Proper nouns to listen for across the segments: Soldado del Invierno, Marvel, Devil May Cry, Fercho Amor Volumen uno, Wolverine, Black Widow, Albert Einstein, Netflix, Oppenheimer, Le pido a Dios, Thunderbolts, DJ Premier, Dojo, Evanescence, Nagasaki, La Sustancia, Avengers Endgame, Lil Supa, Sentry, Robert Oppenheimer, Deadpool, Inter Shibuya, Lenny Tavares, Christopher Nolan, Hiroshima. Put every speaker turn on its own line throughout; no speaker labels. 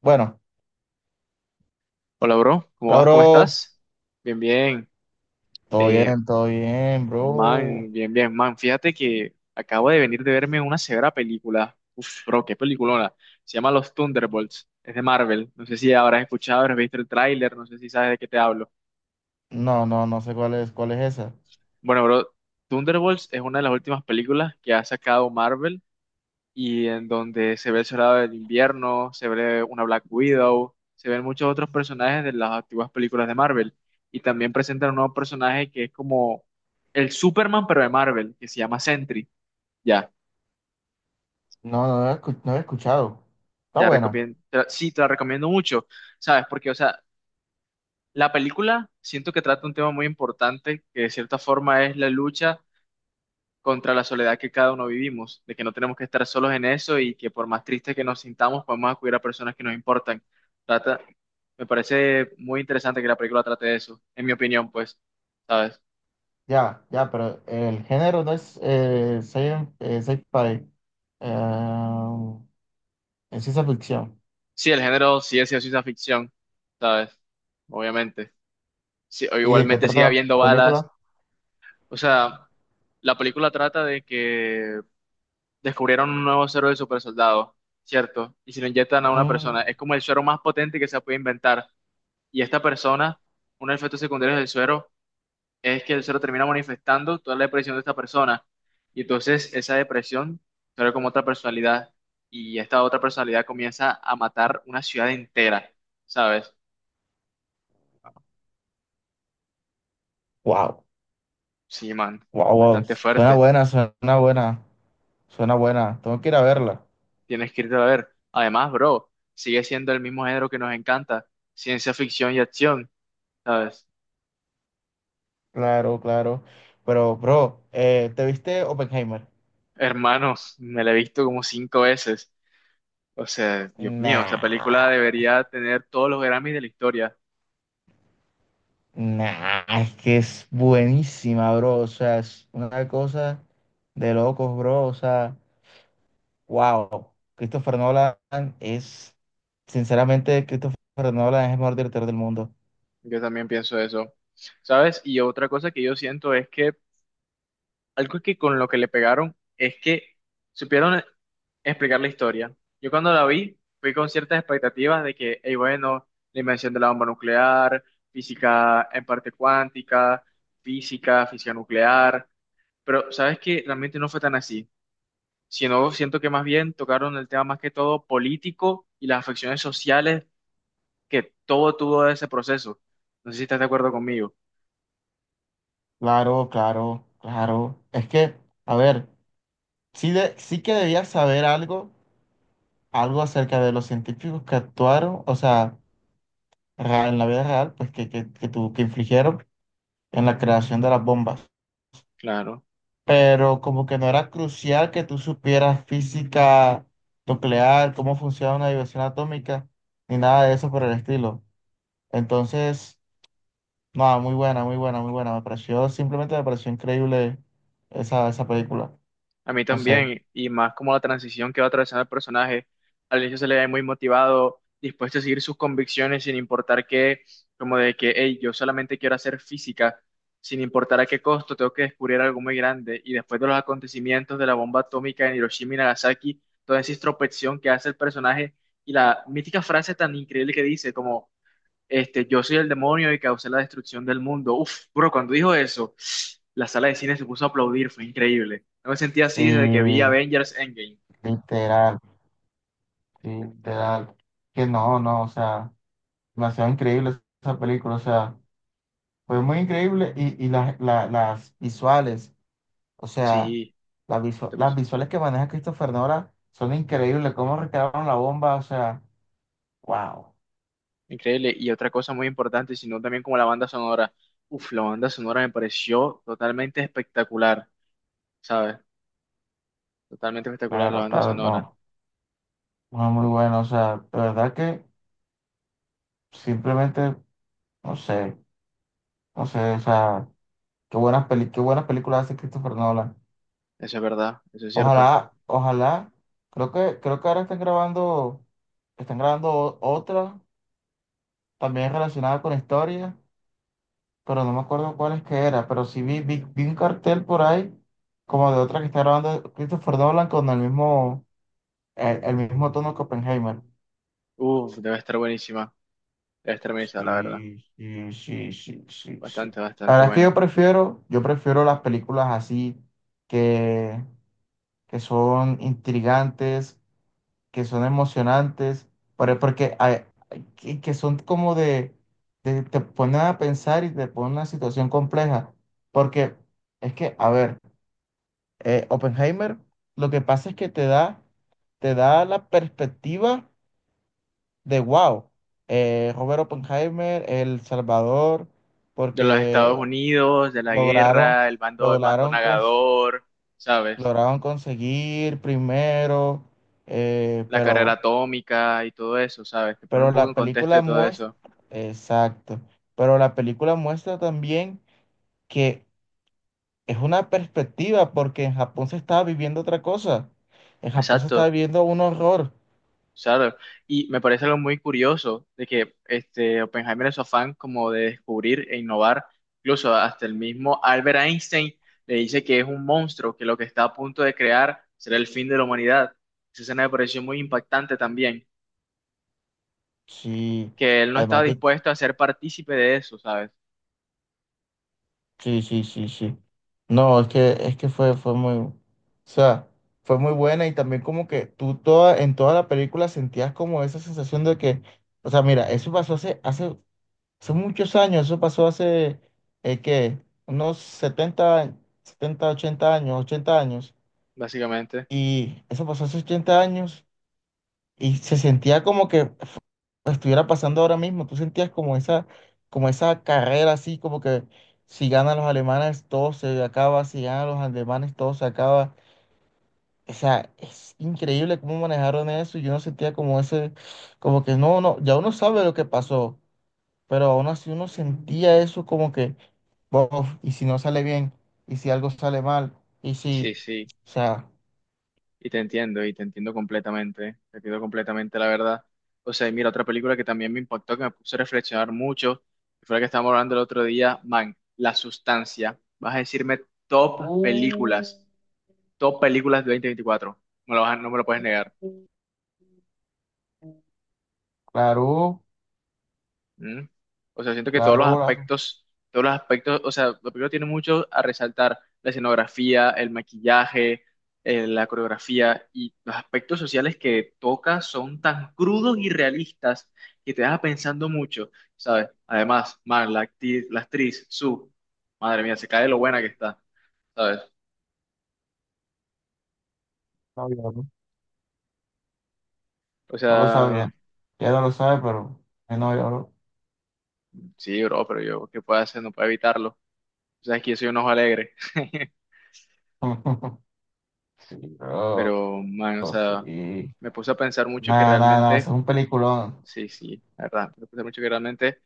Bueno,
Hola, bro. ¿Cómo
hola,
vas? ¿Cómo
bro.
estás? Bien, bien. Eh,
Todo bien, bro.
man, bien, bien, man. Fíjate que acabo de venir de verme una severa película. Uf, bro, qué peliculona. Se llama Los Thunderbolts. Es de Marvel. No sé si habrás escuchado, habrás visto el tráiler, no sé si sabes de qué te hablo.
No, no, no sé cuál es esa.
Bueno, bro, Thunderbolts es una de las últimas películas que ha sacado Marvel y en donde se ve el Soldado del Invierno, se ve una Black Widow, se ven muchos otros personajes de las antiguas películas de Marvel. Y también presentan un nuevo personaje que es como el Superman, pero de Marvel, que se llama Sentry. Ya,
No, no, no, no he escuchado. Está
te la
buena.
recomiendo, sí, te la recomiendo mucho, ¿sabes? Porque, o sea, la película siento que trata un tema muy importante, que de cierta forma es la lucha contra la soledad que cada uno vivimos, de que no tenemos que estar solos en eso y que por más tristes que nos sintamos, podemos acudir a personas que nos importan. Trata, Me parece muy interesante que la película trate de eso, en mi opinión, pues, ¿sabes?
Ya, ya, pero el género no es sci-fi. eh, es ciencia ficción.
Sí, el género sigue siendo ciencia ficción, ¿sabes? Obviamente. Sí, o
¿Y de qué
igualmente sigue
trata
habiendo
la
balas.
película?
O sea, la película trata de que descubrieron un nuevo suero de supersoldado, ¿cierto? Y se lo inyectan a una
Mm.
persona. Es como el suero más potente que se puede inventar y esta persona, uno de los efectos secundarios del suero es que el suero termina manifestando toda la depresión de esta persona. Y entonces esa depresión se ve como otra personalidad y esta otra personalidad comienza a matar una ciudad entera, ¿sabes?
Wow,
Sí, man,
wow, wow.
bastante
Suena
fuerte.
buena, suena buena, suena buena. Tengo que ir a verla.
Tienes que irte a ver. Además, bro, sigue siendo el mismo género que nos encanta, ciencia ficción y acción, ¿sabes?
Claro, claro. Pero, bro, ¿te viste Oppenheimer?
Hermanos, me la he visto como cinco veces. O sea, Dios mío, esa
Nah.
película debería tener todos los Grammys de la historia.
Nah, es que es buenísima, bro. O sea, es una cosa de locos, bro. O sea, wow. Christopher Nolan es, sinceramente, Christopher Nolan es el mejor director del mundo.
Yo también pienso eso, ¿sabes? Y otra cosa que yo siento es que algo que con lo que le pegaron es que supieron explicar la historia. Yo cuando la vi fui con ciertas expectativas de que, hey, bueno, la invención de la bomba nuclear, física en parte cuántica, física nuclear, pero ¿sabes que realmente no fue tan así, sino siento que más bien tocaron el tema más que todo político y las afecciones sociales que todo tuvo ese proceso. No sé si estás de acuerdo conmigo.
Claro, claro, claro. Es que, a ver, sí, sí que debías saber algo acerca de los científicos que actuaron, o sea, en la vida real, pues que infligieron en la creación de las bombas.
Claro.
Pero como que no era crucial que tú supieras física nuclear, cómo funciona una división atómica, ni nada de eso por el estilo. Entonces, no, muy buena, muy buena, muy buena. Me pareció, simplemente me pareció increíble esa película.
A mí
No sé.
también, y más como la transición que va atravesando el personaje. Al inicio se le ve muy motivado, dispuesto a seguir sus convicciones sin importar qué, como de que, hey, yo solamente quiero hacer física, sin importar a qué costo, tengo que descubrir algo muy grande. Y después de los acontecimientos de la bomba atómica en Hiroshima y Nagasaki, toda esa introspección que hace el personaje y la mítica frase tan increíble que dice, como, este, yo soy el demonio y causé la destrucción del mundo. Uf, bro, cuando dijo eso, la sala de cine se puso a aplaudir, fue increíble. No me sentía así desde que vi
Y
Avengers Endgame.
literal, literal. Que no, no, o sea, demasiado increíble esa película. O sea, fue muy increíble y las visuales. O sea,
Sí, este
las
episodio,
visuales que maneja Christopher Nolan son increíbles. Cómo recrearon la bomba, o sea, wow.
increíble. Y otra cosa muy importante, sino también como la banda sonora. Uf, la banda sonora me pareció totalmente espectacular, ¿sabes? Totalmente espectacular la
Claro,
banda
claro,
sonora.
no. No, muy bueno. O sea, de verdad que simplemente, no sé, no sé, o sea, qué buenas películas hace Christopher Nolan.
Eso es verdad, eso es cierto.
Ojalá, ojalá. Creo que ahora están grabando otra también relacionada con historia. Pero no me acuerdo cuál es que era, pero sí vi un cartel por ahí, como de otra que está grabando Christopher Nolan con el mismo tono que Oppenheimer.
Uf, debe estar buenísima, la verdad.
Sí, sí, sí, sí, sí, sí.
Bastante,
La
bastante
verdad es que
buena.
yo prefiero las películas así, que, que son intrigantes, que son emocionantes, pero- porque hay- que son como de te ponen a pensar y te ponen en una situación compleja, porque es que, a ver. Oppenheimer, lo que pasa es que te da la perspectiva de wow, Robert Oppenheimer, El Salvador,
De los Estados
porque
Unidos, de la
lograron,
guerra, el bando
lograron, cons-
nagador, ¿sabes?
lograron conseguir primero,
La carrera
pero,
atómica y todo eso, ¿sabes? Te pone
pero
un poco en
la
contexto de
película
todo
muestra,
eso.
exacto, pero la película muestra también que es una perspectiva, porque en Japón se estaba viviendo otra cosa, en Japón se estaba
Exacto,
viviendo un horror.
claro. Y me parece algo muy curioso de que este Oppenheimer es su afán como de descubrir e innovar, incluso hasta el mismo Albert Einstein le dice que es un monstruo, que lo que está a punto de crear será el fin de la humanidad. Esa escena me pareció muy impactante también,
Sí,
que él no estaba
además de,
dispuesto a ser partícipe de eso, ¿sabes?
sí, sí, sí, sí. No, es que fue muy, o sea, fue muy buena y también como que en toda la película sentías como esa sensación de que, o sea, mira, eso pasó hace muchos años, eso pasó hace, ¿qué? Unos setenta 80 años, 80 años,
Básicamente.
y eso pasó hace 80 años y se sentía como que estuviera pasando ahora mismo. Tú sentías como esa carrera así, como que si ganan los alemanes todo se acaba, si ganan los alemanes todo se acaba. O sea, es increíble cómo manejaron eso. Y yo no sentía como ese, como que no, no, ya uno sabe lo que pasó, pero aún así uno sentía eso como que, Bof, y si no sale bien, y si algo sale mal, y si,
Sí, sí,
o sea,
y te entiendo completamente, la verdad. O sea, y mira, otra película que también me impactó, que me puso a reflexionar mucho, que fue la que estábamos hablando el otro día, man, La Sustancia. Vas a decirme top películas, top películas de 2024. Me lo vas a- no me lo puedes negar.
claro,
¿Mm? O sea, siento que
claro.
todos los aspectos, o sea, lo primero tiene mucho a resaltar, la escenografía, el maquillaje, la coreografía y los aspectos sociales que toca son tan crudos y realistas que te deja pensando mucho, ¿sabes? Además, Mar, la actriz, su, madre mía, se cae de lo buena que está, ¿sabes?
la-
O
No lo
sea,
sabía. Ya no lo sabe, pero mi novia, bro.
sí, bro, pero yo, ¿qué puedo hacer? No puedo evitarlo. O sea, es que yo soy un ojo alegre.
Sí, bro.
Pero, man, o sea,
Sí.
me puse a pensar mucho que
Nada, nada, nada. Eso
realmente,
es un peliculón.
sí, sí, la verdad, me puse a pensar mucho que realmente,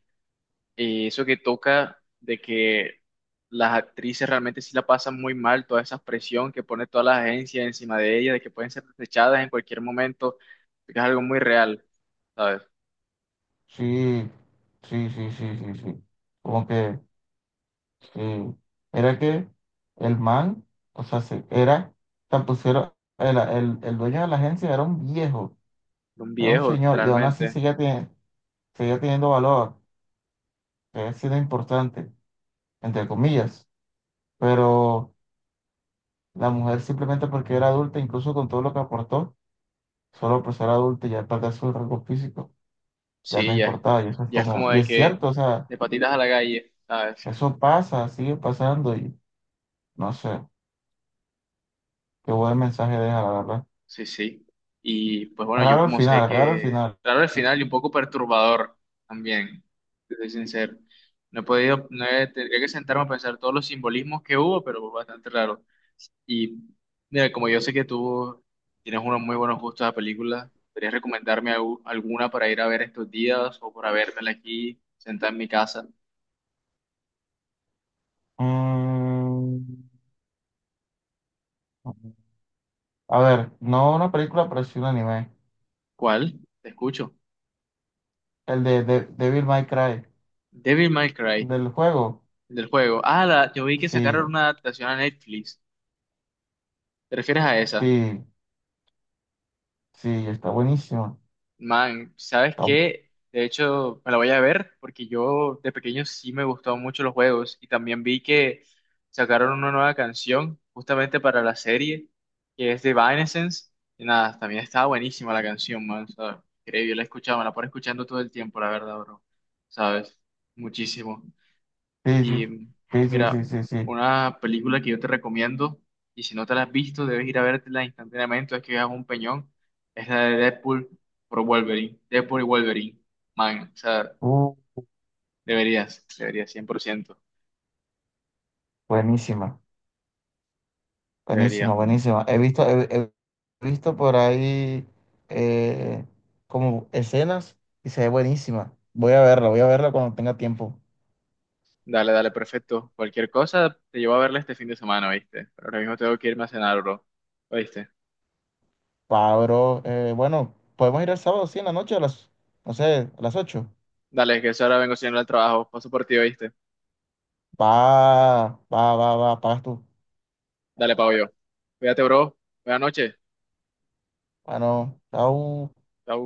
y eso que toca de que las actrices realmente sí la pasan muy mal, toda esa presión que pone toda la agencia encima de ellas, de que pueden ser desechadas en cualquier momento, que es algo muy real, ¿sabes?
Sí, sí, sí, sí, sí, sí. Como que, sí. Era que el man, o sea, era, tan pusieron, el dueño de la agencia era un viejo,
Un
era un
viejo,
señor, y aún así
realmente,
seguía teniendo valor, seguía siendo importante, entre comillas. Pero la mujer simplemente porque era adulta, incluso con todo lo que aportó, solo por ser adulto y ya perder su rasgo físico, ya no
sí,
importaba. Y eso es
ya es
como,
como
y
de
es
que
cierto, o sea,
de patitas a la calle, ¿sabes?
eso pasa, sigue pasando y no sé, qué buen mensaje deja, la verdad.
Sí, sí. Y pues bueno, yo
Raro al
como sé
final, raro al
que,
final.
claro, al final y un poco perturbador también, te soy sincero. No he podido, no he, Tendría que sentarme a pensar todos los simbolismos que hubo, pero fue bastante raro. Y mira, como yo sé que tú tienes unos muy buenos gustos de películas, ¿podrías recomendarme alguna para ir a ver estos días o para vérmela aquí, sentada en mi casa?
Mm, a ver, no una película, pero sí un anime.
¿Cuál? Te escucho.
El de Devil May Cry,
Devil May
el
Cry,
del juego.
del juego. Ah, la, yo vi que sacaron
Sí,
una adaptación a Netflix. ¿Te refieres a esa?
sí, sí, está buenísimo.
Man, ¿sabes
Está-
qué? De hecho, me la voy a ver porque yo de pequeño sí me gustaban mucho los juegos y también vi que sacaron una nueva canción justamente para la serie que es de Evanescence y nada, también estaba buenísima la canción, man, o sea, increíble, la he escuchado, me la pone escuchando todo el tiempo, la verdad, bro, ¿sabes? Muchísimo.
Sí, sí,
Y mm,
sí, sí,
mira,
sí, sí, sí.
una película que yo te recomiendo, y si no te la has visto, debes ir a vértela instantáneamente, es que veas un peñón, es la de Deadpool por Wolverine, Deadpool y Wolverine, man, o sea,
Uh,
deberías, deberías, 100%
Buenísima. Buenísima,
deberías, man.
buenísima. He visto, he visto por ahí eh, como escenas y se ve buenísima. Voy a verla cuando tenga tiempo.
Dale, dale, perfecto. Cualquier cosa te llevo a verla este fin de semana, ¿viste? Pero ahora mismo tengo que irme a cenar, bro, viste.
Pablo, bueno, podemos ir el sábado, sí, en la noche, a las, no sé, a las 8.
Dale, que eso ahora vengo siguiendo al trabajo, paso por ti, ¿oíste?
Va, va, va, va, pagas tú.
Dale, pago yo. Cuídate, bro. Buenas noches.
Bueno, chao.
Chau.